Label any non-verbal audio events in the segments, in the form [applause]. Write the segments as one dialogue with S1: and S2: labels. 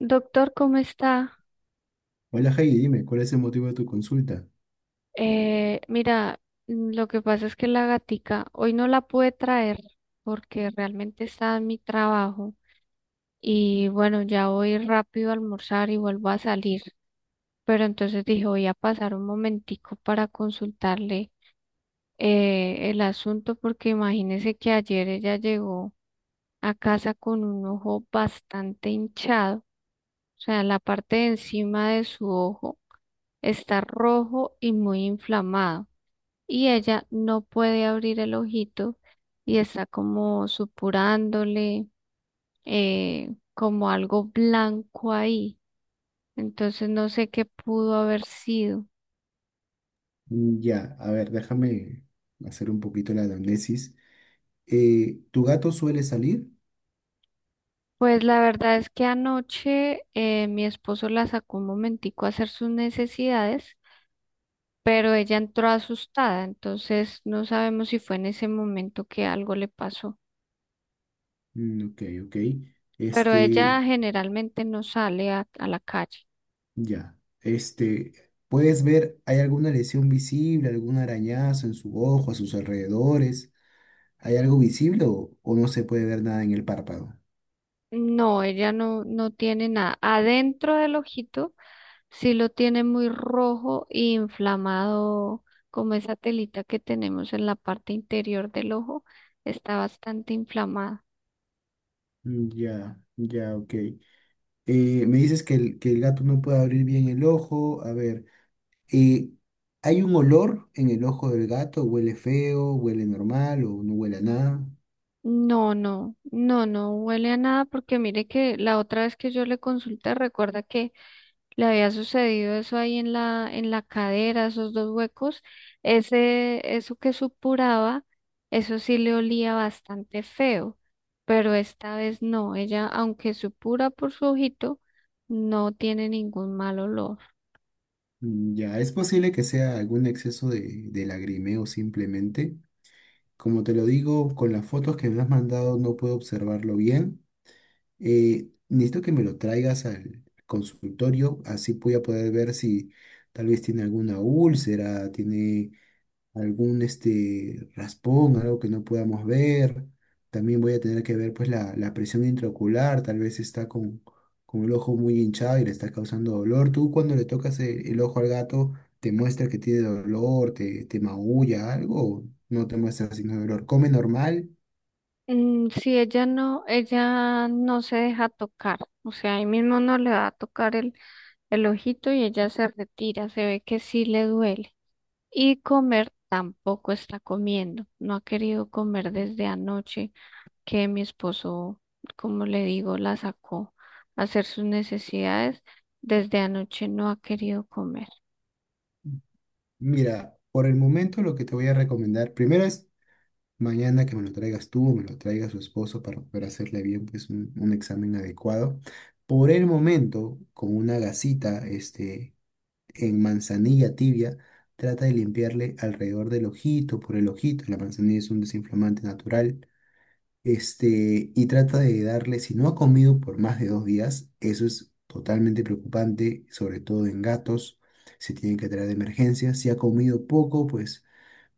S1: Doctor, ¿cómo está?
S2: Hola Heidi, dime, ¿cuál es el motivo de tu consulta?
S1: Eh, mira, lo que pasa es que la gatica hoy no la pude traer porque realmente está en mi trabajo y bueno, ya voy rápido a almorzar y vuelvo a salir. Pero entonces dije, voy a pasar un momentico para consultarle el asunto porque imagínese que ayer ella llegó a casa con un ojo bastante hinchado, o sea, la parte de encima de su ojo está rojo y muy inflamado. Y ella no puede abrir el ojito y está como supurándole como algo blanco ahí. Entonces no sé qué pudo haber sido.
S2: Mm, ya, a ver, déjame hacer un poquito la anamnesis. ¿Tu gato suele salir?
S1: Pues la verdad es que anoche mi esposo la sacó un momentico a hacer sus necesidades, pero ella entró asustada, entonces no sabemos si fue en ese momento que algo le pasó.
S2: Mm, ok, ok.
S1: Pero ella
S2: Este,
S1: generalmente no sale a la calle.
S2: ya, ¿puedes ver, hay alguna lesión visible, algún arañazo en su ojo, a sus alrededores? ¿Hay algo visible o no se puede ver nada en el párpado?
S1: No, ella no, no tiene nada. Adentro del ojito sí lo tiene muy rojo e inflamado, como esa telita que tenemos en la parte interior del ojo, está bastante inflamada.
S2: Mm, ya, ya, ok. Me dices que que el gato no puede abrir bien el ojo. A ver. eh, ¿Hay un olor en el ojo del gato? ¿Huele feo? ¿Huele normal? ¿O no huele a nada?
S1: No, no, no, no huele a nada porque mire que la otra vez que yo le consulté, recuerda que le había sucedido eso ahí en la cadera, esos dos huecos, ese, eso que supuraba, eso sí le olía bastante feo, pero esta vez no, ella, aunque supura por su ojito, no tiene ningún mal olor.
S2: Mm, ya, es posible que sea algún exceso de lagrimeo simplemente. Como te lo digo, con las fotos que me has mandado no puedo observarlo bien. Necesito que me lo traigas al consultorio, así voy a poder ver si tal vez tiene alguna úlcera, tiene algún raspón, algo que no podamos ver. También voy a tener que ver pues la presión intraocular, tal vez está con el ojo muy hinchado y le está causando dolor. Tú cuando le tocas el ojo al gato, te muestra que tiene dolor, te maulla algo, o no te muestra signo de dolor. Come normal.
S1: Mm, sí, ella no se deja tocar, o sea, ahí mismo no le va a tocar el ojito y ella se retira, se ve que sí le duele. Y comer tampoco está comiendo, no ha querido comer desde anoche que mi esposo, como le digo, la sacó a hacer sus necesidades. Desde anoche no ha querido comer.
S2: Mira, por el momento lo que te voy a recomendar primero es mañana que me lo traigas tú o me lo traiga su esposo para poder hacerle bien pues un examen adecuado. Por el momento, con una gasita en manzanilla tibia, trata de limpiarle alrededor del ojito, por el ojito. La manzanilla es un desinflamante natural. Y trata de darle, si no ha comido por más de 2 días, eso es totalmente preocupante, sobre todo en gatos. Se tiene que traer de emergencia. Si ha comido poco, pues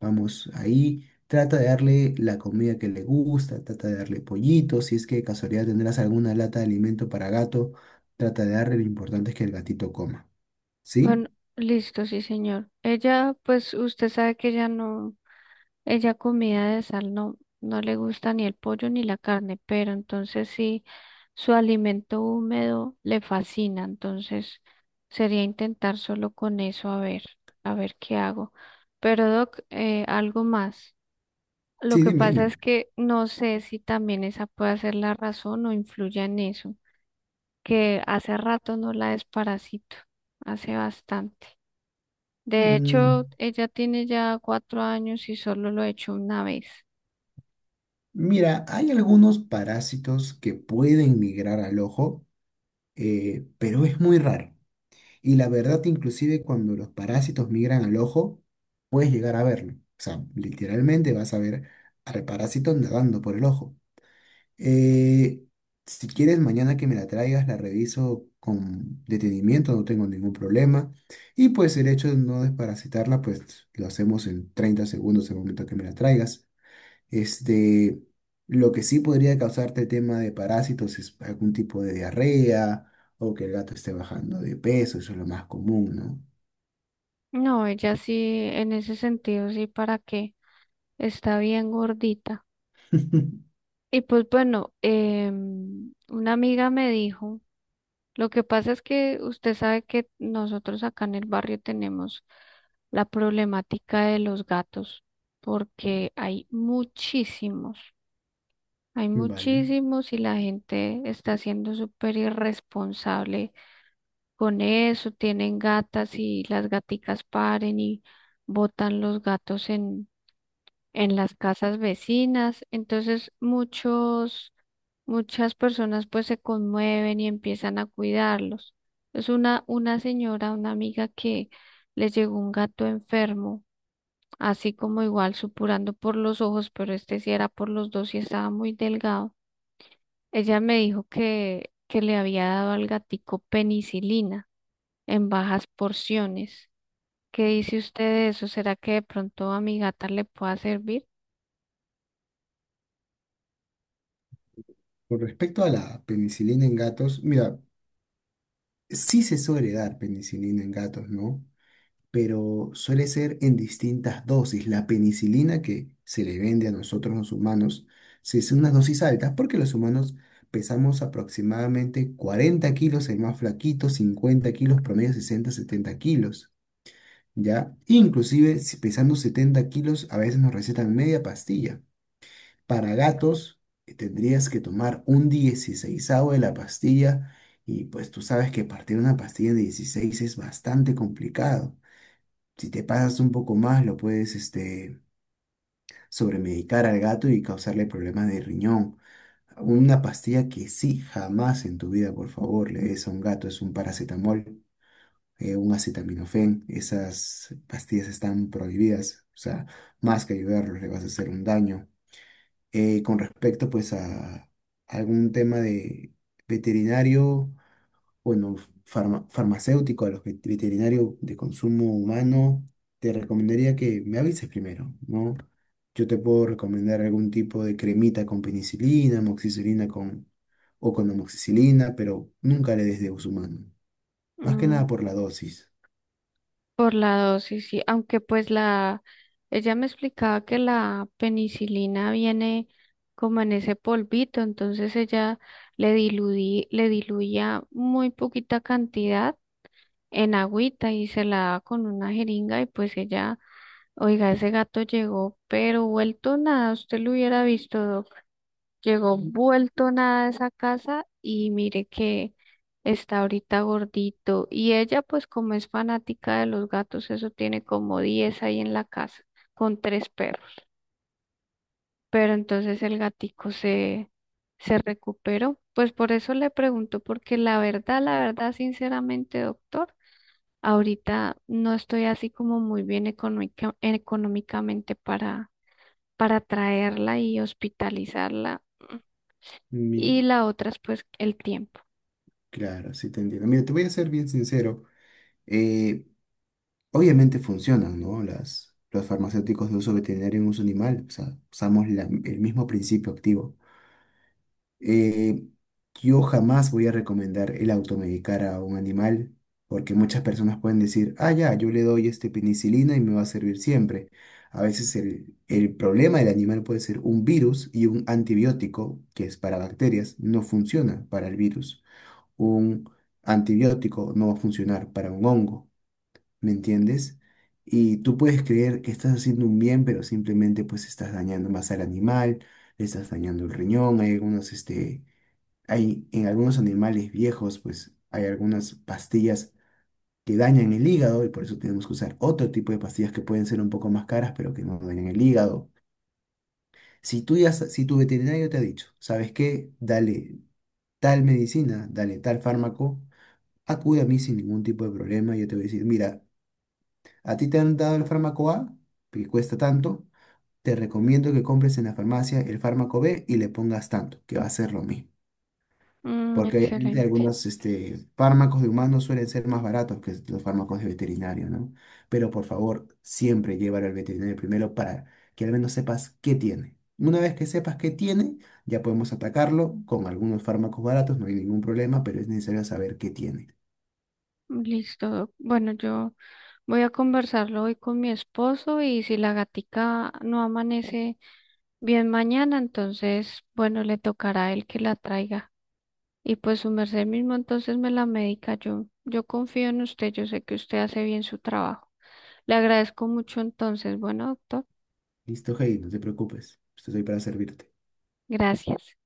S2: vamos, ahí trata de darle la comida que le gusta, trata de darle pollito, si es que de casualidad tendrás alguna lata de alimento para gato, trata de darle, lo importante es que el gatito coma. ¿Sí?
S1: Bueno, listo, sí, señor. Ella, pues usted sabe que ella no. Ella comida de sal no, no le gusta ni el pollo ni la carne, pero entonces sí, su alimento húmedo le fascina, entonces sería intentar solo con eso a ver qué hago. Pero Doc, algo más. Lo
S2: Sí,
S1: que
S2: dime,
S1: pasa
S2: dime.
S1: es que no sé si también esa puede ser la razón o influya en eso, que hace rato no la desparasito, hace bastante. De hecho,
S2: Mm,
S1: ella tiene ya 4 años y solo lo he hecho una vez.
S2: Mira, hay algunos parásitos que pueden migrar al ojo, pero es muy raro. Y la verdad, inclusive cuando los parásitos migran al ojo, puedes llegar a verlo. O sea, literalmente vas a ver al parásito nadando por el ojo. Eh, si quieres, mañana que me la traigas, la reviso con detenimiento, no tengo ningún problema. Y pues el hecho de no desparasitarla, pues lo hacemos en 30 segundos el momento que me la traigas. Este, lo que sí podría causarte tema de parásitos es algún tipo de diarrea o que el gato esté bajando de peso, eso es lo más común, ¿no?
S1: No, ella sí, en ese sentido, sí, ¿para qué? Está bien gordita.
S2: [laughs]
S1: Y pues bueno, una amiga me dijo, lo que pasa es que usted sabe que nosotros acá en el barrio tenemos la problemática de los gatos, porque hay
S2: Vale.
S1: muchísimos y la gente está siendo súper irresponsable con eso, tienen gatas y las gaticas paren y botan los gatos en las casas vecinas. Entonces muchas personas pues se conmueven y empiezan a cuidarlos. Es una señora, una amiga que les llegó un gato enfermo, así como igual supurando por los ojos, pero este sí era por los dos y estaba muy delgado. Ella me dijo que le había dado al gatico penicilina en bajas porciones. ¿Qué dice usted de eso? ¿Será que de pronto a mi gata le pueda servir?
S2: Con respecto a la penicilina en gatos, mira, sí se suele dar penicilina en gatos, ¿no? Pero suele ser en distintas dosis. La penicilina que se le vende a nosotros los humanos, se hace unas dosis altas porque los humanos pesamos aproximadamente 40 kilos, el más flaquito, 50 kilos, promedio 60, 70 kilos, ¿ya? Inclusive si pesando 70 kilos, a veces nos recetan media pastilla. Para gatos, tendrías que tomar un 16avo de la pastilla. Y pues tú sabes que partir una pastilla de 16 es bastante complicado. Si te pasas un poco más, lo puedes sobremedicar al gato y causarle problemas de riñón. Una pastilla que sí, jamás en tu vida, por favor, le des a un gato es un paracetamol, un acetaminofén. Esas pastillas están prohibidas. O sea, más que ayudarlos, le vas a hacer un daño. Con respecto, pues, a algún tema de veterinario bueno, farmacéutico, a los veterinarios de consumo humano, te recomendaría que me avises primero, ¿no? Yo te puedo recomendar algún tipo de cremita con penicilina, amoxicilina con, o con amoxicilina, pero nunca le des de uso humano. Más que
S1: Mm,
S2: nada por la dosis.
S1: por la dosis, sí, aunque pues la, ella me explicaba que la penicilina viene como en ese polvito, entonces ella le diluí, le diluía muy poquita cantidad en agüita y se la daba con una jeringa y pues ella, oiga, ese gato llegó, pero vuelto nada, usted lo hubiera visto, llegó vuelto nada a esa casa y mire que está ahorita gordito. Y ella, pues como es fanática de los gatos, eso tiene como 10 ahí en la casa, con tres perros. Pero entonces el gatico se, se recuperó. Pues por eso le pregunto, porque la verdad, sinceramente, doctor, ahorita no estoy así como muy bien económicamente para traerla y hospitalizarla.
S2: Mi,
S1: Y la otra es pues el tiempo.
S2: claro, sí te entiendo. Mira, te voy a ser bien sincero. eh, Obviamente funcionan, ¿no? Los farmacéuticos de uso veterinario en uso animal. O sea, usamos el mismo principio activo. Eh, yo jamás voy a recomendar el automedicar a un animal porque muchas personas pueden decir, ah, ya, yo le doy penicilina y me va a servir siempre. A veces el problema del animal puede ser un virus y un antibiótico, que es para bacterias, no funciona para el virus. Un antibiótico no va a funcionar para un hongo, ¿me entiendes? Y tú puedes creer que estás haciendo un bien, pero simplemente pues estás dañando más al animal, le estás dañando el riñón, hay en algunos animales viejos, pues hay algunas pastillas que dañan el hígado y por eso tenemos que usar otro tipo de pastillas que pueden ser un poco más caras, pero que no dañan el hígado. Si tu veterinario te ha dicho, ¿sabes qué? Dale tal medicina, dale tal fármaco, acude a mí sin ningún tipo de problema. Yo te voy a decir, mira, a ti te han dado el fármaco A, que cuesta tanto, te recomiendo que compres en la farmacia el fármaco B y le pongas tanto, que va a ser lo mismo.
S1: Mm,
S2: Porque obviamente
S1: excelente.
S2: algunos fármacos de humanos suelen ser más baratos que los fármacos de veterinario, ¿no? Pero por favor, siempre llévalo al veterinario primero para que al menos sepas qué tiene. Una vez que sepas qué tiene, ya podemos atacarlo con algunos fármacos baratos, no hay ningún problema, pero es necesario saber qué tiene.
S1: Listo. Doc. Bueno, yo voy a conversarlo hoy con mi esposo y si la gatica no amanece bien mañana, entonces, bueno, le tocará a él que la traiga. Y pues su merced mismo entonces me la medica. Yo confío en usted, yo sé que usted hace bien su trabajo. Le agradezco mucho entonces. Bueno, doctor,
S2: Listo, Heidi, no te preocupes, estoy para servirte.
S1: gracias.